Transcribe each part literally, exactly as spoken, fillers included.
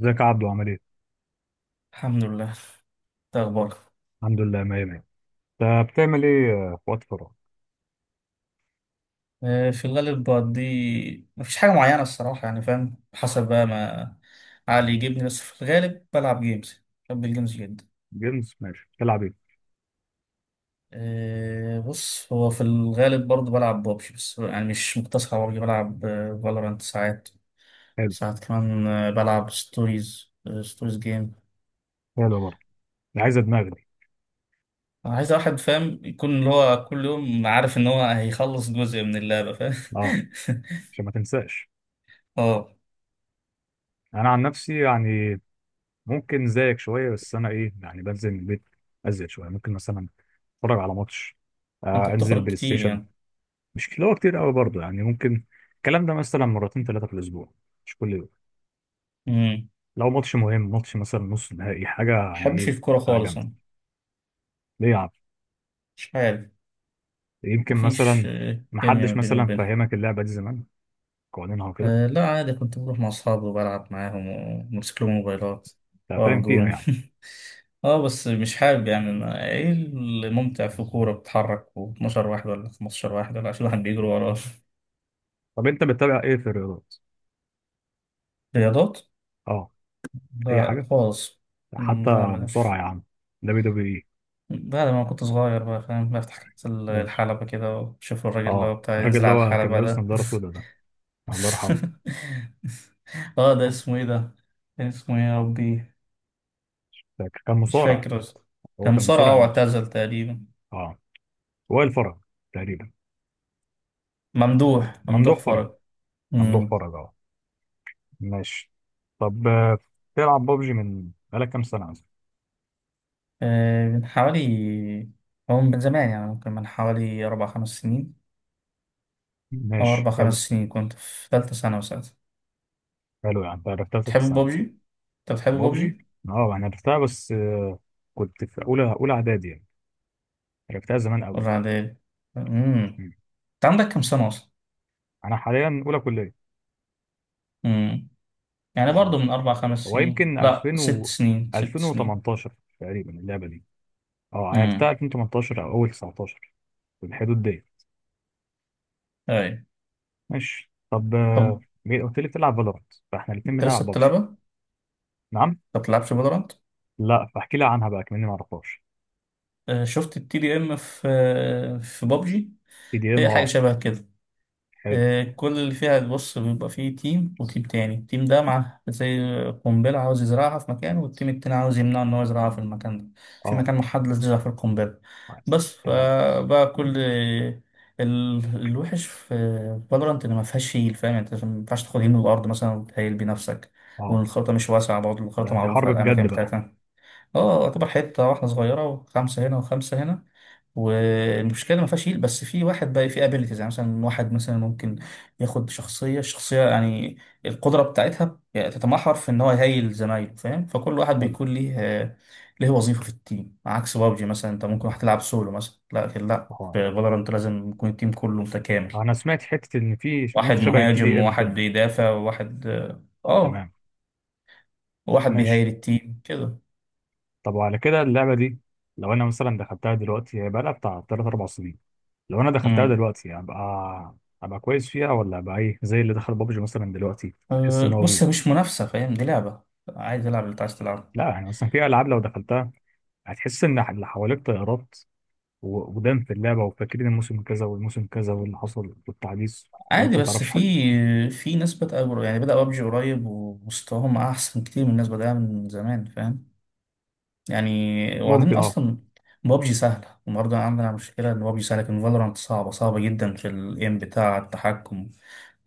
ازيك يا عبدو عامل ايه؟ الحمد لله. إيه اخبارك؟ الحمد لله مية مية. انت بتعمل ايه آه، في وقت فراغ؟ آه، في الغالب بقضي مفيش حاجه معينه الصراحه، يعني فاهم، حسب بقى ما عقلي يجيبني، بس في الغالب بلعب جيمز، بحب الجيمز جدا. جيمز ماشي بتلعب ايه؟ آه، بص، هو في الغالب برضه بلعب بابجي، بس يعني مش مقتصر على بابجي، بلعب فالورانت ساعات. حلو. ساعات كمان آه، بلعب ستوريز، ستوريز جيم. حلو برضه. دي عايزة دماغ دي. انا عايز واحد فاهم، يكون اللي هو كل يوم عارف ان هو هيخلص جزء من اللعبه، فاهم. اه، عشان ما تنساش. اه. انا عن نفسي، يعني ممكن زيك شوية، بس انا ايه يعني بنزل من البيت ازيد شوية. ممكن مثلا اتفرج على ماتش، آه انت انزل بتخرج بلاي كتير؟ ستيشن. مش اللي هو كتير قوي برضه، يعني ممكن الكلام ده مثلا مرتين ثلاثة في الاسبوع، مش كل يوم. يعني لو ماتش مهم، ماتش مثلا نص نهائي، حاجة يعني بحبش ايه، الكورة حاجة خالص جامدة. أنا. ليه يا عم؟ مش عارف. يمكن مفيش مثلا آه، كيميا ما محدش بيني مثلا وبينهم. فهمك اللعبة دي زمان، قوانينها وكده. آه، لا عادي، كنت بروح مع أصحابي وبلعب معاهم وبمسك لهم موبايلات أنت وأقف فاهم فيها جون. يعني. اه بس مش حابب يعني. أنا ايه الممتع في كورة بتتحرك و12 واحد ولا خمستاشر واحد ولا عشرين واحد بيجروا وراه؟ طب أنت بتتابع إيه في الرياضات؟ رياضات؟ أه، أي لا حاجة خالص. مم، حتى. لا مصارعة ملاش. يا عم، دبليو دبليو إي. بعد ما كنت صغير بقى، فاهم، بفتح كاس ماشي. الحلبة كده وأشوف الراجل اللي هو أه، بتاع الراجل ينزل اللي على هو كان الحلبة لابس ده. نضارة سودا ده، الله يرحمه. اه ده اسمه ايه ده؟ كان اسمه ايه يا ربي؟ فاكر. كان مش مصارع. فاكر اصلا. هو كان كان مصارع، مصارع اه، نفسه. واعتزل تقريبا. أه، وائل فرج، تقريبا. ممدوح ممدوح ممدوح فرج. فرج. ممدوح امم. فرج، أه. ماشي. طب آه، تلعب ببجي من بقالك كام سنة مثلا؟ آه من حوالي. هو من زمان يعني، ممكن من حوالي اربع خمس سنين. اه ماشي اربع خمس حلو. سنين، كنت في ثالثة ثانوي ساعتها. حلو، يعني أنت عرفتها في ثالثة تحب ثانوي. بابجي؟ انت بتحب بابجي، بابجي؟ اه انا لعبتها، بس آه، كنت في اولى اولى اعدادي يعني، لعبتها زمان قوي. ولا عادي؟ امم. مم. انت عندك كام سنة اصلا؟ انا حاليا اولى كليه. امم. يعني يعني برضو من اربع خمس هو سنين، يمكن لا ألفين ست و سنين، ست سنين. ألفين وتمنتاشر تقريبا اللعبه دي. اه، لعبتها امم. ألفين وتمنتاشر او اول تسعتاشر، في الحدود دي. ايوه. ماشي. طب طب آه، مين- قلت لي بتلعب فالورانت، فاحنا الاثنين انت لسه بنلعب بابجي. بتلعبها؟ نعم. ما بتلعبش فالورانت؟ لا، فاحكي لي عنها بقى كمان، ما اعرفهاش. آه، شفت التي دي ام في آه، في بابجي؟ في دي ام، هي حاجه اه. شبه كده. حلو. آه، كل اللي فيها، بص، بيبقى فيه تيم وتيم تاني، التيم ده مع زي قنبله عاوز يزرعها في مكان، والتيم التاني عاوز يمنعه ان هو يزرعها في المكان ده، في اه. مكان محدد يزرع فيه القنبله. بس تمام. فبقى كل ال- الوحش في فالورانت ان ما فيهاش هيل، فاهم، يعني انت ما ينفعش تاخد هيل من الارض مثلا وتهيل بنفسك. اه. والخريطه مش واسعه برضه، الخريطه ده دي معروفه حرب بجد الاماكن بقى. بتاعتها. اه يعتبر حته واحده صغيره، وخمسه هنا وخمسه هنا. والمشكله ما فيهاش هيل، بس في واحد بقى في ابيلتيز، يعني مثلا واحد مثلا ممكن ياخد شخصيه، الشخصيه يعني القدره بتاعتها يعني تتمحور في ان هو يهيل زمايله، فاهم، فكل واحد حلو. بيكون ليه آه، ليه وظيفه في التيم. عكس بابجي مثلا، انت ممكن واحد تلعب سولو مثلا، لكن لا، في اه، فالورانت لازم يكون التيم كله متكامل. انا سمعت حته ان في واحد مود شبه التي مهاجم دي ام وواحد كده. بيدافع وواحد اه آه، تمام. وواحد ماشي. بيهيل التيم كده. طب وعلى كده اللعبة دي، لو أنا مثلا دخلتها دلوقتي، هي بقالها بتاع تلات أربع سنين، لو أنا دخلتها دلوقتي أبقى أبقى كويس فيها، ولا أبقى إيه زي اللي دخل بابجي مثلا دلوقتي، هتحس أه، إن هو بص هي بوت. مش منافسة، فاهم، دي لعبة عادي، العب اللي انت عايز تلعبه. لا، يعني مثلا في ألعاب لو دخلتها هتحس إن اللي حواليك طيارات، و- ودم في اللعبة، وفاكرين الموسم كذا والموسم كذا واللي حصل والتحديث، عادي وأنت ما بس تعرفش في حاجة. في ناس بدأ قر- يعني بدأ ببجي قريب ومستواهم أحسن كتير من الناس بدأها من زمان، فاهم. يعني وبعدين ممكن، أه. أصلا ببجي سهلة، وبرضه عندنا مشكلة إن ببجي سهلة لكن فالورانت صعبة، صعبة جدا في الإيم بتاع التحكم.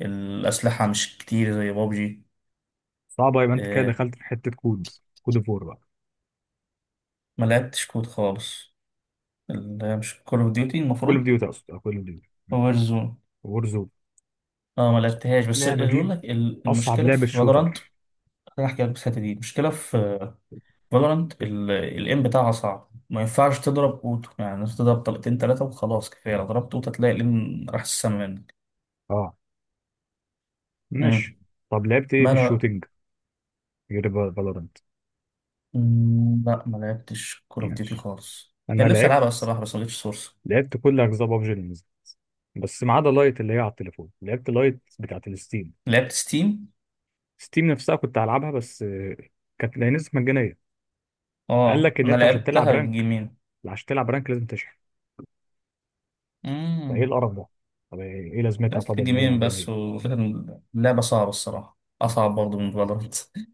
الأسلحة مش كتير زي ببجي. صعبة، يبقى أنت كده أه، دخلت في حتة كود، كود أوف وور بقى. ما لعبتش كود خالص. اللي هي مش كول أوف ديوتي كول أوف المفروض؟ ديوتي، أقصد أه كول أوف ديوتي. وورزون. وور زون. اه ما لعبتهاش. بس اللي اللعبة يقول دي لك ال- أصعب المشكله في لعبة فالورانت، شوتر. خليني احكي لك. بس الحته دي، المشكله في فالورانت الام بتاعها صعب، ما ينفعش تضرب اوتو، يعني انت تضرب طلقتين ثلاثه وخلاص كفايه، لو ضربت اوتو تلاقي الام راح السما منك. اه. مم. ماشي. طب لعبت ايه ما في انا الشوتينج غير فالورانت؟ مم، لا ما لعبتش كول اوف ديوتي ماشي. خالص، انا كان نفسي العبها لعبت الصراحه بس ما جبتش سورس. لعبت كل اجزاء بابجي اللي نزلت، بس ما عدا لايت اللي هي على التليفون. لعبت لايت بتاعت الستيم. لعبت ستيم. ستيم نفسها كنت هلعبها بس آه، كانت لها نسخة مجانية. قال اه لك ان انا انت عشان تلعب لعبتها رانك، جيمين. لا، عشان تلعب رانك لازم تشحن. فايه امم. القرف ده؟ طب ايه إيه لازمتها طب لعبت ان هي جيمين مجانية؟ بس، وكان لعبه صعبه الصراحه، اصعب برضه من فالورانت.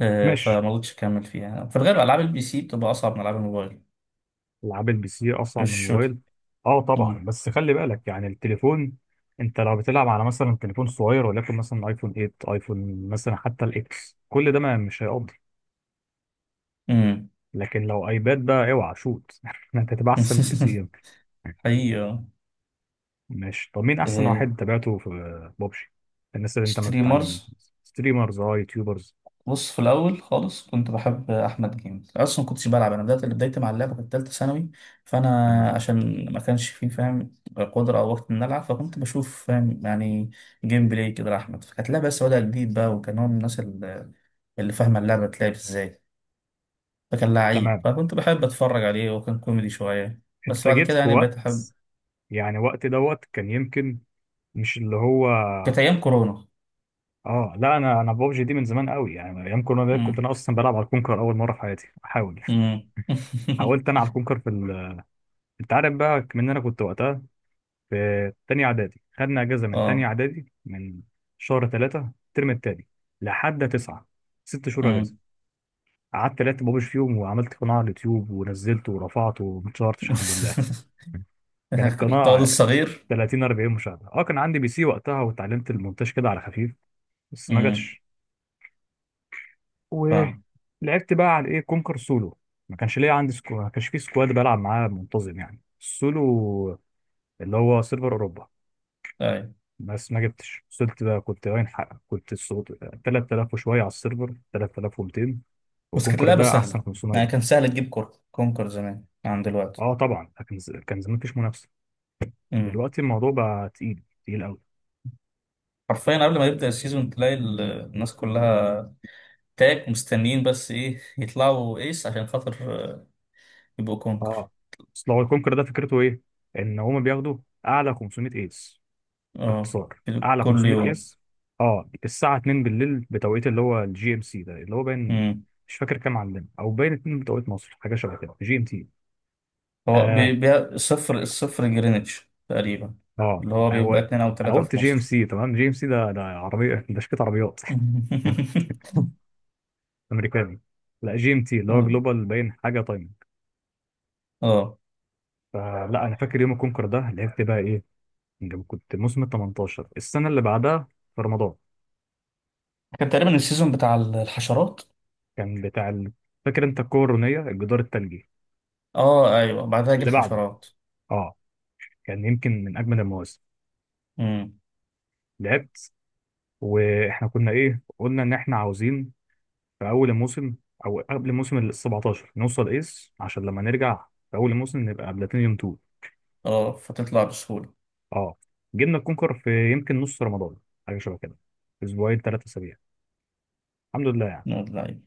آه، ماشي. فما قدرتش اكمل فيها. في الغالب العاب البي سي بتبقى اصعب من العاب الموبايل. العاب البي سي اسرع من الشوتي. الموبايل. اه طبعا، بس خلي بالك، يعني التليفون، انت لو بتلعب على مثلا تليفون صغير، ولكن مثلا ايفون تمنية، ايفون مثلا حتى الاكس، كل ده ما مش هيقضي. امم. لكن لو ايباد بقى، اوعى شوت، انت هتبقى احسن من البي سي يمكن. حقيقة. ماشي. طب مين احسن آه، واحد تابعته في بابجي، الناس اللي انت ما بتتعلم منهم؟ ستريمرز. ستريمرز. اه، يوتيوبرز. بص في الأول خالص كنت بحب أحمد جيمز، أصلا ما كنتش بلعب، أنا بدأت بدايتي مع اللعبة كانت تالتة ثانوي، فأنا تمام. عشان ما كانش فيه، فاهم، قدرة أو وقت إن ألعب، فكنت بشوف، فاهم، يعني جيم بلاي كده لأحمد، فكانت لعبة بس بدأ جديد بقى، وكان هو من الناس اللي اللي فاهمة اللعبة بتلعب إزاي، فكان لعيب، تمام. فكنت بحب أتفرج عليه، وكان كوميدي شوية، انت بس بعد جيت كده في يعني بقيت وقت، أحب. يعني وقت دوت كان يمكن، مش اللي هو، كانت أيام كورونا. اه لا، انا انا ببجي دي من زمان قوي، يعني ايام كورونا ده كنت امم. انا اصلا بلعب على الكونكر اول مره في حياتي احاول. امم. حاولت انا على الكونكر في ال... انت عارف بقى من انا كنت وقتها في تانية اعدادي. خدنا اجازه من تانية اه. اعدادي من شهر ثلاثة الترم التاني لحد تسعة، ست شهور اجازه. مم. قعدت لعبت ببجي فيهم، وعملت قناه على اليوتيوب ونزلته ورفعته وما اتشهرتش الحمد لله. كانت القائد قناه الصغير. تلاتين اربعين مشاهده. اه كان عندي بي سي وقتها، واتعلمت المونتاج كده على خفيف، بس ما امم. جاتش. فاهم. ولعبت بقى على ايه كونكر سولو. ما كانش ليا عندي سكو... ما كانش في سكواد بلعب معاه منتظم، يعني السولو اللي هو سيرفر اوروبا، ايوه. بس ما جبتش. وصلت بقى، كنت باين حق، كنت الصوت ثلاثة آلاف وشويه على السيرفر، تلاتلاف ومتين، بس كانت وكونكر اللعبه ده احسن سهله، يعني خمسمية. كان سهل تجيب كور كونكر زمان عن دلوقتي. اه طبعا، لكن ز- كان زمان مفيش منافسه، امم. دلوقتي الموضوع بقى تقيل تقيل قوي. حرفيا قبل ما يبدا السيزون تلاقي ال- الناس كلها تاك مستنيين بس ايه يطلعوا ايس عشان خاطر آه، يبقوا كونكر. اه. اصل هو الكونكر ده فكرته ايه، ان هما بياخدوا اعلى خمسمية ايس، اه باختصار اعلى كل خمسمية يوم. قياس. اه، الساعه اتنين بالليل بتوقيت اللي هو الجي ام سي ده، اللي هو باين، امم. مش فاكر كام عندنا، او باين الثانية بتوقيت مصر، حاجه شبه كده، جي ام تي. هو بي- اه. بي- الصفر الصفر جرينتش تقريبا. اه. اللي هو بيبقى هو اتنين او انا تلاته قلت في جي ام مصر. سي، تمام جي ام سي ده ده عربيه، ده شركه عربيات. امريكاني. لا جي ام تي، اللي هو اه. جلوبال باين حاجه تايمنج. آه. فلا، انا فاكر يوم الكونكر ده لعبت بقى ايه، لما كنت موسم ال تمنتاشر، السنه اللي بعدها، في رمضان. كان تقريبا السيزون بتاع الحشرات. كان بتاع ال... فاكر انت الكورونيه الجدار الثلجي؟ اه ايوه بعدها يجي اللي بعده، الحشرات. اه، كان يمكن من اجمل المواسم. امم. لعبت، واحنا كنا ايه قلنا ان احنا عاوزين في اول الموسم، او قبل موسم ال سبعة عشر، نوصل ايس عشان لما نرجع في اول الموسم نبقى بلاتينيوم اتنين. اه فتطلع بسهولة. اه جبنا الكونكر في يمكن نص رمضان، حاجه شبه كده، اسبوعين ثلاثه اسابيع، الحمد لله يعني. نقول اللعيب.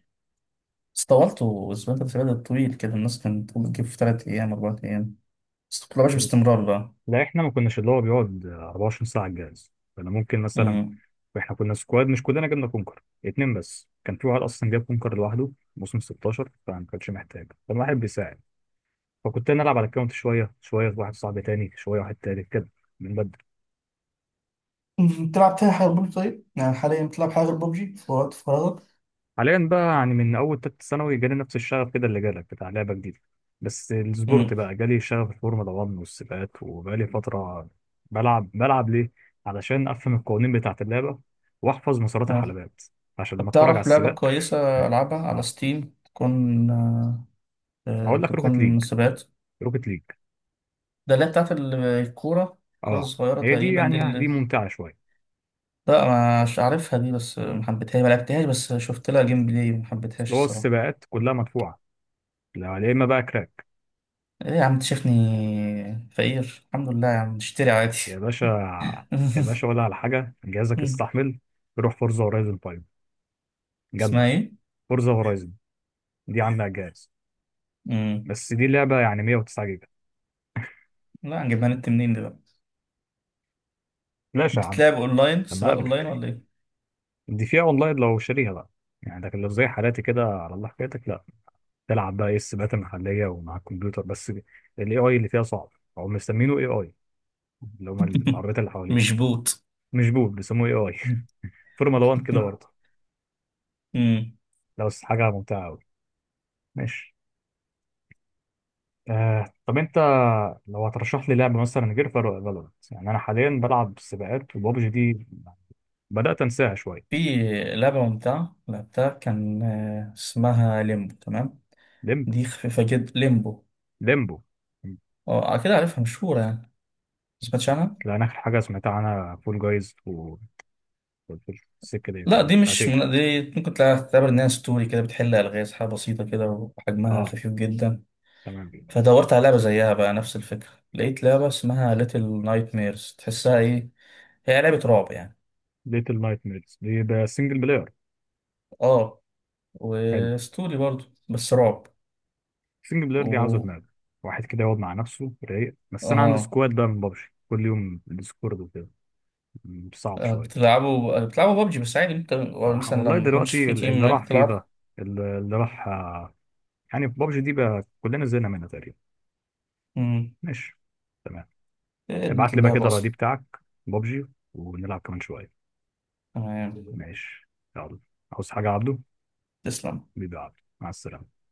بس طولته اسبوع تلات سبات، طويل كده، الناس كانت تقول تجيب في تلات ايام اربع ايام، بس متطلعش باستمرار بقى. لا احنا ما كناش اللي هو بيقعد اربعة وعشرين ساعه على الجهاز، كنا ممكن مثلا، امم. احنا كنا سكواد، مش كلنا جبنا كونكر، اتنين بس كان في واحد اصلا جاب كونكر لوحده موسم ستاشر، فما كانش محتاج، كان واحد بيساعد، فكنت انا العب على الكاونت شويه شويه، في واحد صاحبي تاني شويه، واحد تالت كده، بنبدل. مم. بتلعب تاني حاجة غير ببجي طيب؟ يعني حاليا بتلعب حاجة غير ببجي في وقت فراغك؟ حاليا بقى، يعني من اول تالتة ثانوي جالي نفس الشغف كده اللي جالك، بتاع لعبه جديده، بس السبورت امم. بقى جالي شغف الفورمولا واحد والسباقات، وبقالي فتره بلعب بلعب ليه، علشان افهم القوانين بتاعه اللعبه، واحفظ مسارات اه الحلبات، عشان لما طب اتفرج على تعرف لعبة السباق كويسة ألعبها على اعرف. ستيم تكون آه، آه، اقول لك روكت ليج. تكون سبات؟ روكت ليج، ده اللي هي بتاعت ال- الكورة، الكورة اه، الصغيرة هي دي تقريبا دي يعني، آه، اللي. دي ممتعه شويه. لا مش عارفها دي، بس ما حبيتهاش، ما لعبتهاش بس شفت لها جيم بلاي وما بس حبيتهاش هو الصراحة. السباقات كلها مدفوعه. لا يا اما بقى كراك. ايه يا عم، انت شايفني فقير؟ الحمد لله يا عم، اشتري عادي. يا باشا. يا باشا ولا على حاجة، جهازك استحمل. روح فورزا هورايزن خمسة، اسمها جامدة. ايه؟ فورزا هورايزن، دي عاملة على الجهاز، مم. بس دي لعبة يعني ميه وتسعة جيجا. لا هنجيبها نت منين دي بقى؟ بلاش يا عم. بتتلعب اونلاين؟ لما سباق اونلاين أقابلك، ولا ايه؟ دي فيها أونلاين لو شاريها بقى، يعني، لكن لو زي حالاتي كده على الله حكايتك، لا، تلعب بقى إيه السباقات المحلية ومع الكمبيوتر، بس ال إيه آي اللي فيها صعب. هو مسمينه إيه آي، اللي هما العربيات اللي مش حواليك. بوت. مش بوب، بيسموه إيه آي. فورمولا واحد كده برضه، مم. لو بس حاجة ممتعة أوي. ماشي. آه طب أنت لو هترشح لي لعبة مثلا غير فالورانت؟ يعني أنا حاليا بلعب سباقات وبابجي دي بدأت أنساها في شوية. لعبة ممتعة لعبتها كان آه، اسمها ليمبو، تمام؟ ليمب دي خفيفة جدا، ليمبو. ليمبو. اه كده عارفها، مشهورة يعني. سمعتش؟ لأن آخر حاجة سمعتها عنها فول جايز والسكة ديت، لا يعني دي بتاعت مش إيه؟ من دي، ممكن تلع- تعتبر انها ستوري كده، بتحل الغاز حاجه بسيطه كده، وحجمها أه، خفيف جدا. تمام. فدورت على لعبه زيها بقى نفس الفكره، لقيت لعبه اسمها ليتل نايت ميرز، تحسها ايه، هي لعبه رعب يعني. ليتل نايت ميرز دي بقى سنجل بلاير. اه، حلو. وستوري برضو بس رعب. سنجل بلاير دي عاوزة و دماغ، واحد كده يقعد مع نفسه رايق، بس أنا عندي اه سكواد بقى من بابجي، كل يوم ديسكورد وكده، م، صعب آه، شوية. بتلعبوا بتلعبوا بابجي بس عادي انت، آه، مثلا والله لما يكونش دلوقتي في تيم اللي راح معاك فيفا، تلعب؟ اللي اللي راح آه، يعني في بابجي دي بقى كلنا زهقنا منها تقريبا. امم. ماشي. تمام. إيه خدمه ابعت لي بقى اللعبه كده الرادي اصلا. بتاعك، بابجي، ونلعب كمان شوية. تمام. ماشي. يلا. عاوز حاجة يا عبده؟ تسلم. بيبقى عبده، مع السلامة.